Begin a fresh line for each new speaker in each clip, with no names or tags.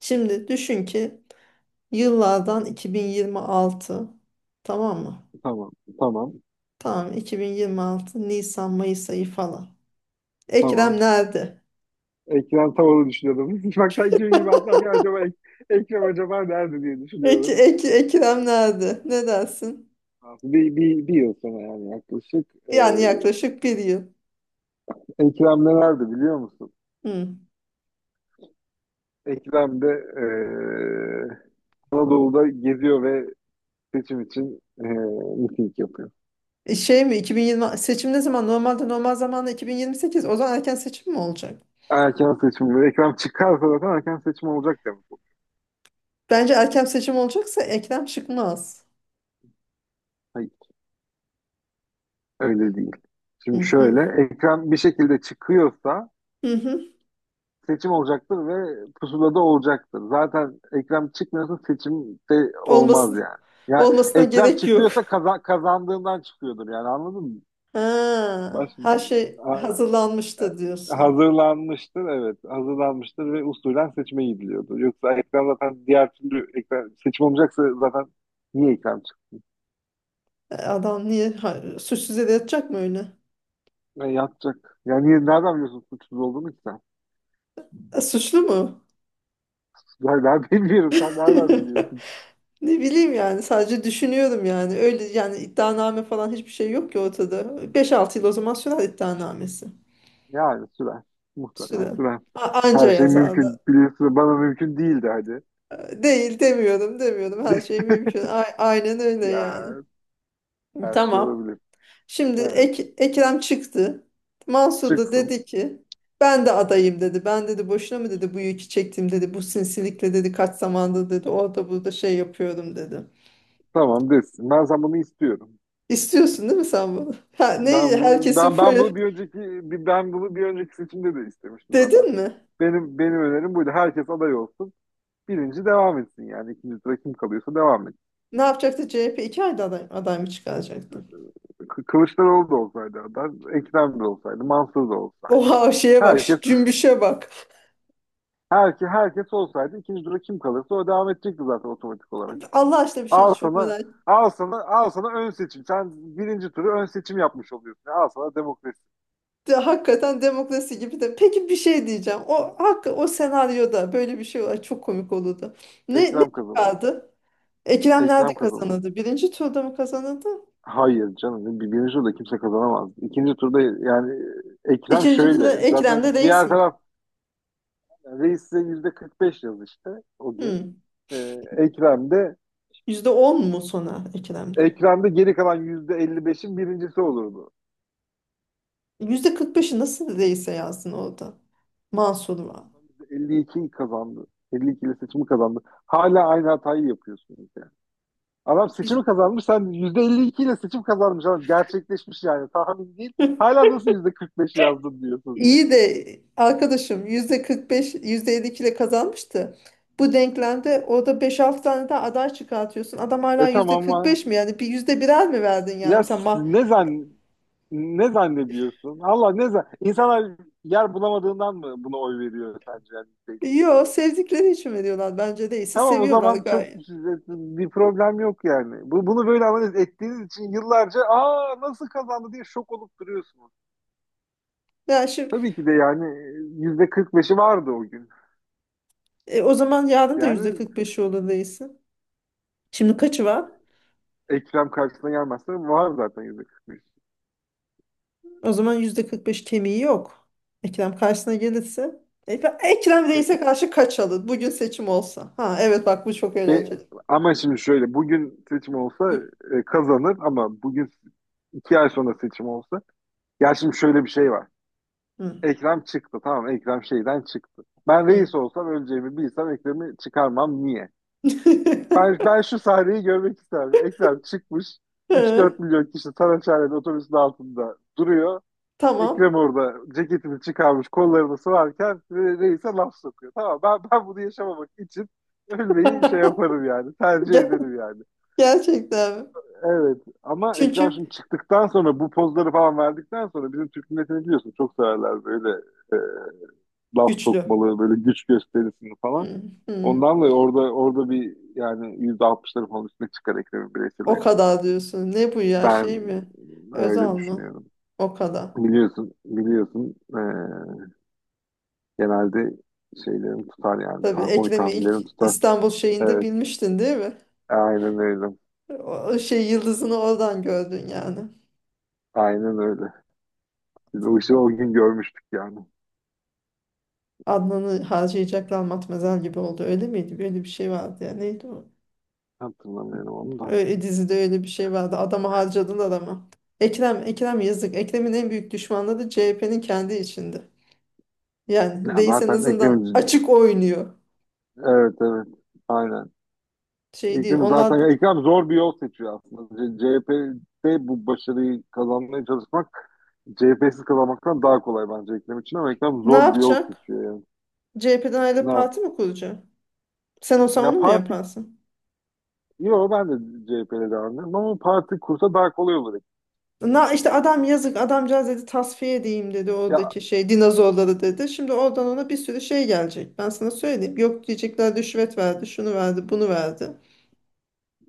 Şimdi düşün ki yıllardan 2026, tamam mı?
Tamam, tamam,
Tamam, 2026 Nisan Mayıs ayı falan. Ekrem
tamam.
nerede?
Ekrem Tavan'ı düşünüyordum. Bak sanki 20 hafta önce acaba Ekrem acaba nerede diye düşünüyordum.
Ekrem nerede? Ne dersin?
Bir yıl sonra yani yaklaşık.
Yani yaklaşık bir yıl.
Ekrem de nerede biliyor musun?
Hı.
Ekrem de ee, Anadolu'da geziyor ve seçim için miting yapıyor.
Şey mi 2020 seçim ne zaman? Normalde normal zamanda 2028. O zaman erken seçim mi olacak?
Erken seçim. Ekrem çıkarsa zaten erken seçim olacak demek bu.
Bence erken seçim olacaksa Ekrem çıkmaz.
Hayır, öyle değil.
Hı
Şimdi
hı.
şöyle, Ekrem bir şekilde çıkıyorsa
Hı hı.
seçim olacaktır ve pusulada olacaktır. Zaten Ekrem çıkmıyorsa seçim de olmaz
Olmasın.
yani. Ya
Olmasına
Ekrem
gerek yok.
çıkıyorsa kazandığından çıkıyordur yani anladın mı?
Ha,
Baş
her şey
ha-
hazırlanmıştı diyorsun.
Hazırlanmıştır, evet, hazırlanmıştır ve usulen seçime gidiliyordu. Yoksa Ekrem zaten diğer türlü Ekrem seçim olmayacaksa zaten niye Ekrem çıktı?
Adam niye suçsuz yere yatacak mı öyle?
Yani yatacak. Yani niye, nereden biliyorsun suçsuz olduğunu ki sen?
Suçlu mu?
Ben bilmiyorum. Sen nereden biliyorsun?
Ne bileyim yani, sadece düşünüyorum yani. Öyle yani, iddianame falan hiçbir şey yok ki ortada. 5-6 yıl o zaman sürer iddianamesi.
Yani sürer. Muhtemelen
Süre.
sürer.
Anca
Her şey
yazarlar.
mümkün. Biliyorsun, bana mümkün değildi hadi.
Değil demiyorum, her şey mümkün. Aynen öyle
Ya,
yani.
her şey
Tamam.
olabilir.
Şimdi
Evet.
Ekrem çıktı. Mansur da
Çıksın.
dedi ki ben de adayım dedi. Ben dedi boşuna mı dedi bu yükü çektim dedi. Bu sinsilikle dedi kaç zamandır dedi orada burada şey yapıyorum dedi.
Tamam, desin. Ben sen bunu istiyorum.
İstiyorsun değil mi sen bunu? Ha, ne
Ben bunu
herkesin
ben ben
foyu
bunu bir önceki Ben bunu bir önceki seçimde de istemiştim zaten.
dedin mi?
Benim önerim buydu. Herkes aday olsun. Birinci devam etsin yani. İkinci sıra kim kalıyorsa devam etsin.
Ne yapacaktı CHP? 2 ayda aday mı çıkaracaktı?
Kılıçdaroğlu da olsaydı aday, Ekrem de olsaydı, Mansur da olsaydı.
Oha, şeye bak,
Herkes
şu cümbüşe bak.
herkes olsaydı ikinci tura kim kalırsa o devam edecekti zaten otomatik olarak.
Allah aşkına bir şey
Al
çok
sana,
merak
al sana, al sana ön seçim. Sen birinci turu ön seçim yapmış oluyorsun. Al sana demokrasi.
de, hakikaten demokrasi gibi de. Peki bir şey diyeceğim. O hak o senaryoda böyle bir şey var. Çok komik olurdu. Ne
Ekrem kazanır.
çıkardı? Ekrem nerede
Ekrem kazanır.
kazanıldı? Birinci turda mı kazanıldı?
Hayır, canım. Birinci turda kimse kazanamaz. İkinci turda yani Ekrem
İkinci
şöyle.
turda
Zaten
Ekrem'de reis
diğer
mi?
taraf yani reis size yüzde 45 yaz işte o gün.
Hmm.
Ee, Ekrem de
%10 mu sona Ekrem'de?
Ekrem de geri kalan yüzde 55'in birincisi olurdu.
%45'i nasıl reise yazdın orada? Mansur var.
52 kazandı. 52 ile seçimi kazandı. Hala aynı hatayı yapıyorsunuz yani. Adam
Biz...
seçimi kazanmış. Sen %52 ile seçim kazanmış. Adam gerçekleşmiş yani. Tahmin değil. Hala nasıl %45 yazdın diyorsun.
İyi de arkadaşım, %45, yüzde 52 ile kazanmıştı. Bu denklemde orada 5-6 tane daha aday çıkartıyorsun. Adam
E
hala
tamam
yüzde
ama
45 mi yani? Bir yüzde birer mi verdin yani?
ya
Mesela.
s- ne zan ne zannediyorsun? Allah ne zan İnsanlar yer bulamadığından mı buna oy veriyor sence? Yani %52
Yo,
oy alıyor.
sevdikleri için veriyorlar bence,
E
değilse
tamam, o
seviyorlar
zaman çok
gayet.
bir problem yok yani. Bunu böyle analiz ettiğiniz için yıllarca aa nasıl kazandı diye şok olup duruyorsunuz.
Ya şimdi
Tabii ki de yani %45'i vardı o gün.
o zaman
Yetmişti
yarın da
yani.
%45'i olur değilse. Şimdi kaçı var?
Yani Ekrem karşısına gelmezse var zaten %45.
O zaman %45 kemiği yok. Ekrem karşısına gelirse. E, Ekrem
E,
Reis'e karşı kaç alır? Bugün seçim olsa. Ha evet, bak bu çok
e,
eğlenceli.
ama şimdi şöyle, bugün seçim olsa
Bu...
kazanır ama bugün 2 ay sonra seçim olsa, ya şimdi şöyle bir şey var.
Hı.
Ekrem çıktı, tamam, Ekrem şeyden çıktı. Ben
Hı.
reis olsam, öleceğimi bilsem, Ekrem'i çıkarmam, niye? Ben şu sahneyi görmek isterim. Ekrem çıkmış, üç dört
Hı.
milyon kişi Saraçhane'nin otobüsün altında duruyor.
Tamam.
Ekrem orada ceketini çıkarmış, kollarını sıvarken reise laf sokuyor. Tamam, ben bunu yaşamamak için ölmeyi şey yaparım yani. Tercih
Ger-
ederim yani.
Gerçekten mi?
Evet ama Ekrem
Çünkü
şimdi çıktıktan sonra, bu pozları falan verdikten sonra, bizim Türk milletini biliyorsun, çok severler böyle laf
güçlü.
sokmalı, böyle güç gösterisini falan.
Hı, hı.
Ondan dolayı orada bir yani %60'ları falan üstüne çıkar Ekrem'in
O
bireyseli.
kadar diyorsun. Ne bu ya,
Ben
şey mi?
öyle
Özal mı?
düşünüyorum.
O kadar.
Biliyorsun, biliyorsun. Genelde şeylerim tutar yani.
Tabii
Oy
Ekrem'i ilk
tahminlerim tutar.
İstanbul şeyinde
Evet.
bilmiştin değil mi?
Aynen öyle.
O şey yıldızını oradan gördün yani.
Aynen öyle. Biz o işi o gün görmüştük yani.
Adnan'ı harcayacaklar matmazel gibi oldu. Öyle miydi? Böyle bir şey vardı ya. Neydi o?
Hatırlamıyorum onu da.
Öyle, dizide öyle bir şey vardı. Adamı harcadın adama. Ekrem, Ekrem yazık. Ekrem'in en büyük düşmanları CHP'nin kendi içinde. Yani
Ya
reis en
zaten
azından
Ekrem,
açık oynuyor.
evet, evet. Aynen.
Şey değil.
Ekrem zaten
Onlar
ya
da
Ekrem zor bir yol seçiyor aslında. CHP'de bu başarıyı kazanmaya çalışmak CHP'siz kazanmaktan daha kolay bence Ekrem için ama Ekrem
ne
zor bir yol
yapacak?
seçiyor yani.
CHP'den
Ne
ayrılıp
yap?
parti mi kuracak? Sen olsan
Ya
onu mu
parti
yaparsın?
Yo, ben de CHP'yle devam ederim ama parti kursa daha kolay olur.
Na, işte adam yazık adamcağız dedi, tasfiye edeyim dedi
Ya,
oradaki şey dinozorları dedi. Şimdi oradan ona bir sürü şey gelecek. Ben sana söyleyeyim. Yok diyecekler, rüşvet verdi, şunu verdi, bunu verdi.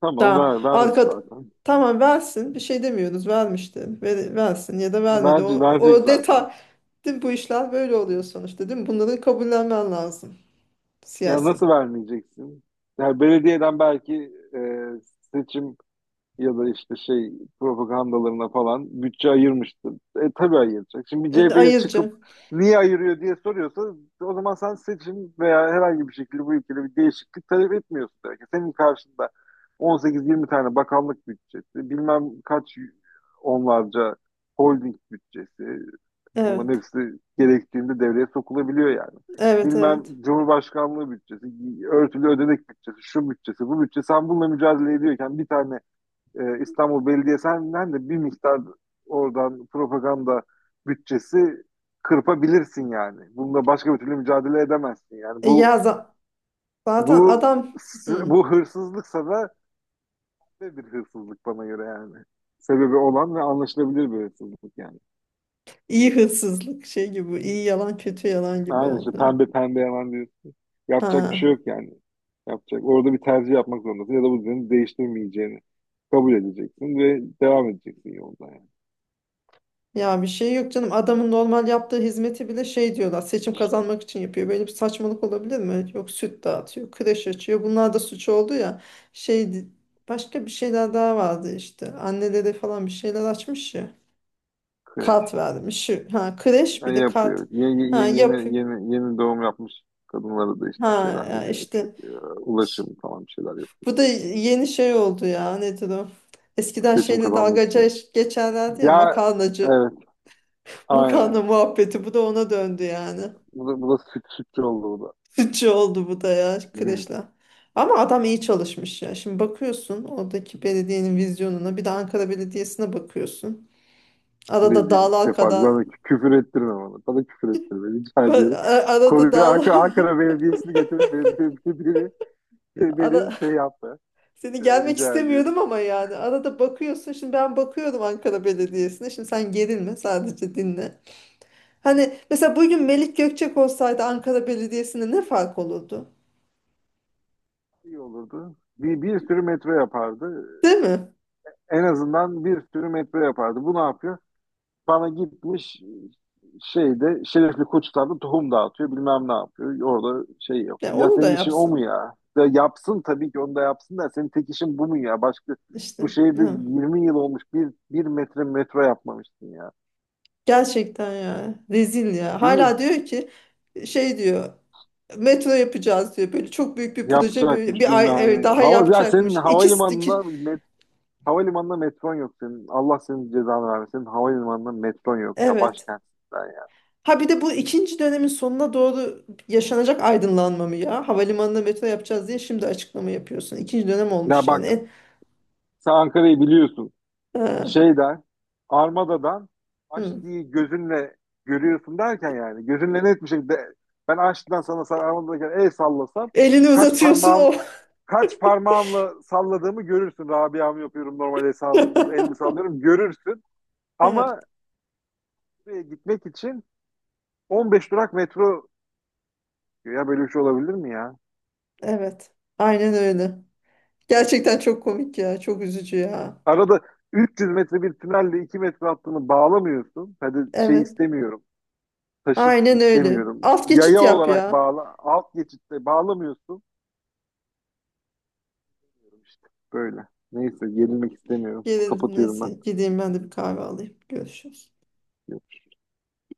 tamam,
Tamam.
verdi zaten.
Tamam versin. Bir şey demiyoruz. Vermişti. Versin ya da vermedi. O,
Verecek, verecek
o
zaten.
detay. Değil mi? Bu işler böyle oluyor sonuçta değil mi? Bunları kabullenmen lazım.
Ya,
Siyaset.
nasıl vermeyeceksin? Yani belediyeden belki seçim ya da işte şey propagandalarına falan bütçe ayırmıştı. E tabii ayıracak. Şimdi bir CHP'li çıkıp
Ayırıcı.
niye ayırıyor diye soruyorsa, o zaman sen seçim veya herhangi bir şekilde bu ülkede bir değişiklik talep etmiyorsun demek ki. Senin karşında 18-20 tane bakanlık bütçesi, bilmem kaç onlarca holding bütçesi, bunların
Evet.
hepsi gerektiğinde devreye sokulabiliyor yani.
Evet
Bilmem,
evet.
Cumhurbaşkanlığı bütçesi, örtülü ödenek bütçesi, şu bütçesi, bu bütçe. Sen bununla mücadele ediyorken bir tane İstanbul Belediyesi'nden de bir miktar oradan propaganda bütçesi kırpabilirsin yani. Bununla başka bir türlü mücadele edemezsin yani.
Ya zaten
Bu
adam,
si-,
hı,
bu hırsızlıksa da bir hırsızlık bana göre yani. Sebebi olan ve anlaşılabilir bir hırsızlık yani.
iyi hırsızlık şey gibi. İyi yalan kötü yalan gibi
Aynen işte,
oldu.
pembe pembe hemen diyorsun. Yapacak bir şey
Ha.
yok yani. Yapacak. Orada bir tercih yapmak zorundasın ya da bu düzeni değiştirmeyeceğini kabul edeceksin ve devam edeceksin yolda yani.
Ya bir şey yok canım. Adamın normal yaptığı hizmeti bile şey diyorlar. Seçim kazanmak için yapıyor. Böyle bir saçmalık olabilir mi? Yok, süt dağıtıyor, kreş açıyor. Bunlar da suç oldu ya. Şey başka bir şeyler daha vardı işte. Annelere falan bir şeyler açmış ya.
Kreş.
Kart vermiş. Ha, kreş
Ya
bir de kart.
yapıyor.
Ha yapıyor.
Yeni doğum yapmış kadınlara da işte bir
Ha
şeyler
ya
veriyor.
işte
Ulaşım falan bir şeyler yapıyor.
bu da yeni şey oldu ya. Nedir o? Eskiden
Seçim
şeyle
kazanmak
dalgaca
için.
geçerlerdi ya,
Ya,
makarnacı.
evet, aynen.
Makarna muhabbeti bu da ona döndü yani.
Bu da sütçü oldu bu da.
Sıkıcı oldu bu da ya,
Hmm.
kreşle. Ama adam iyi çalışmış ya. Şimdi bakıyorsun oradaki belediyenin vizyonuna, bir de Ankara Belediyesi'ne bakıyorsun. Arada
Rezil,
dağlar
kepaze.
kadar.
Bana küfür ettirme bana. Bana küfür ettirme. Rica ediyorum.
Arada
Konuyu
dağlar.
Ankara Belediyesi'ni getirip beni, beni, beni, beni, beni
ara,
şey yaptı.
Seni
Evet,
gelmek
rica ediyorum.
istemiyordum ama yani arada bakıyorsun, şimdi ben bakıyorum Ankara Belediyesi'ne, şimdi sen gerilme, sadece dinle. Hani mesela bugün Melik Gökçek olsaydı Ankara Belediyesi'ne ne fark olurdu?
İyi olurdu. Bir sürü metro yapardı.
Değil mi?
En azından bir sürü metro yapardı. Bu ne yapıyor? Bana gitmiş şeyde Şerefli Koçlar'da tohum dağıtıyor, bilmem ne yapıyor. Orada şey
Ya
yapıyor. Ya
onu da
senin işin o mu,
yapsın
ya? Ya yapsın, tabii ki onu da yapsın da senin tek işin bu mu, ya? Başka bu
işte.
şehirde
Ne?
20 yıl olmuş, bir metre metro yapmamışsın ya.
Gerçekten ya, rezil ya.
Bir
Hala diyor ki şey diyor, metro yapacağız diyor. Böyle çok büyük bir proje, böyle
yapacakmış
bir ay
bilmem
evet,
ne.
daha
Ya senin
yapacakmış. İkisi
havalimanında
iki
metron yok senin. Allah senin cezanı vermesin. Senin havalimanında metron yok ya,
evet.
başkentsin sen ya.
Ha, bir de bu ikinci dönemin sonuna doğru yaşanacak aydınlanma mı ya? Havalimanına metro yapacağız diye şimdi açıklama yapıyorsun. İkinci dönem
Ya
olmuş yani.
bak, sen Ankara'yı biliyorsun.
Ha,
şeyden, Armada'dan
hı.
Aşti'yi gözünle görüyorsun derken yani gözünle net bir şekilde, ben Aşti'den sana, sen Armada'dayken el sallasam
Elini
kaç
uzatıyorsun o.
parmağım kaç parmağımla salladığımı görürsün. Rabia'mı yapıyorum, normal el elimi sallıyorum görürsün
Evet,
ama gitmek için 15 durak metro, ya böyle bir şey olabilir mi ya?
evet. Aynen öyle. Gerçekten çok komik ya. Çok üzücü ya.
Arada 300 metre bir tünelle 2 metre hattını bağlamıyorsun. Hadi şey
Evet.
istemiyorum. Taşıt
Aynen öyle.
istemiyorum.
Alt geçit
Yaya
yap
olarak
ya.
bağla. Alt geçitte bağlamıyorsun. İşte böyle. Neyse, gerilmek istemiyorum.
Gerildim
Kapatıyorum ben.
neyse. Gideyim ben de bir kahve alayım. Görüşürüz.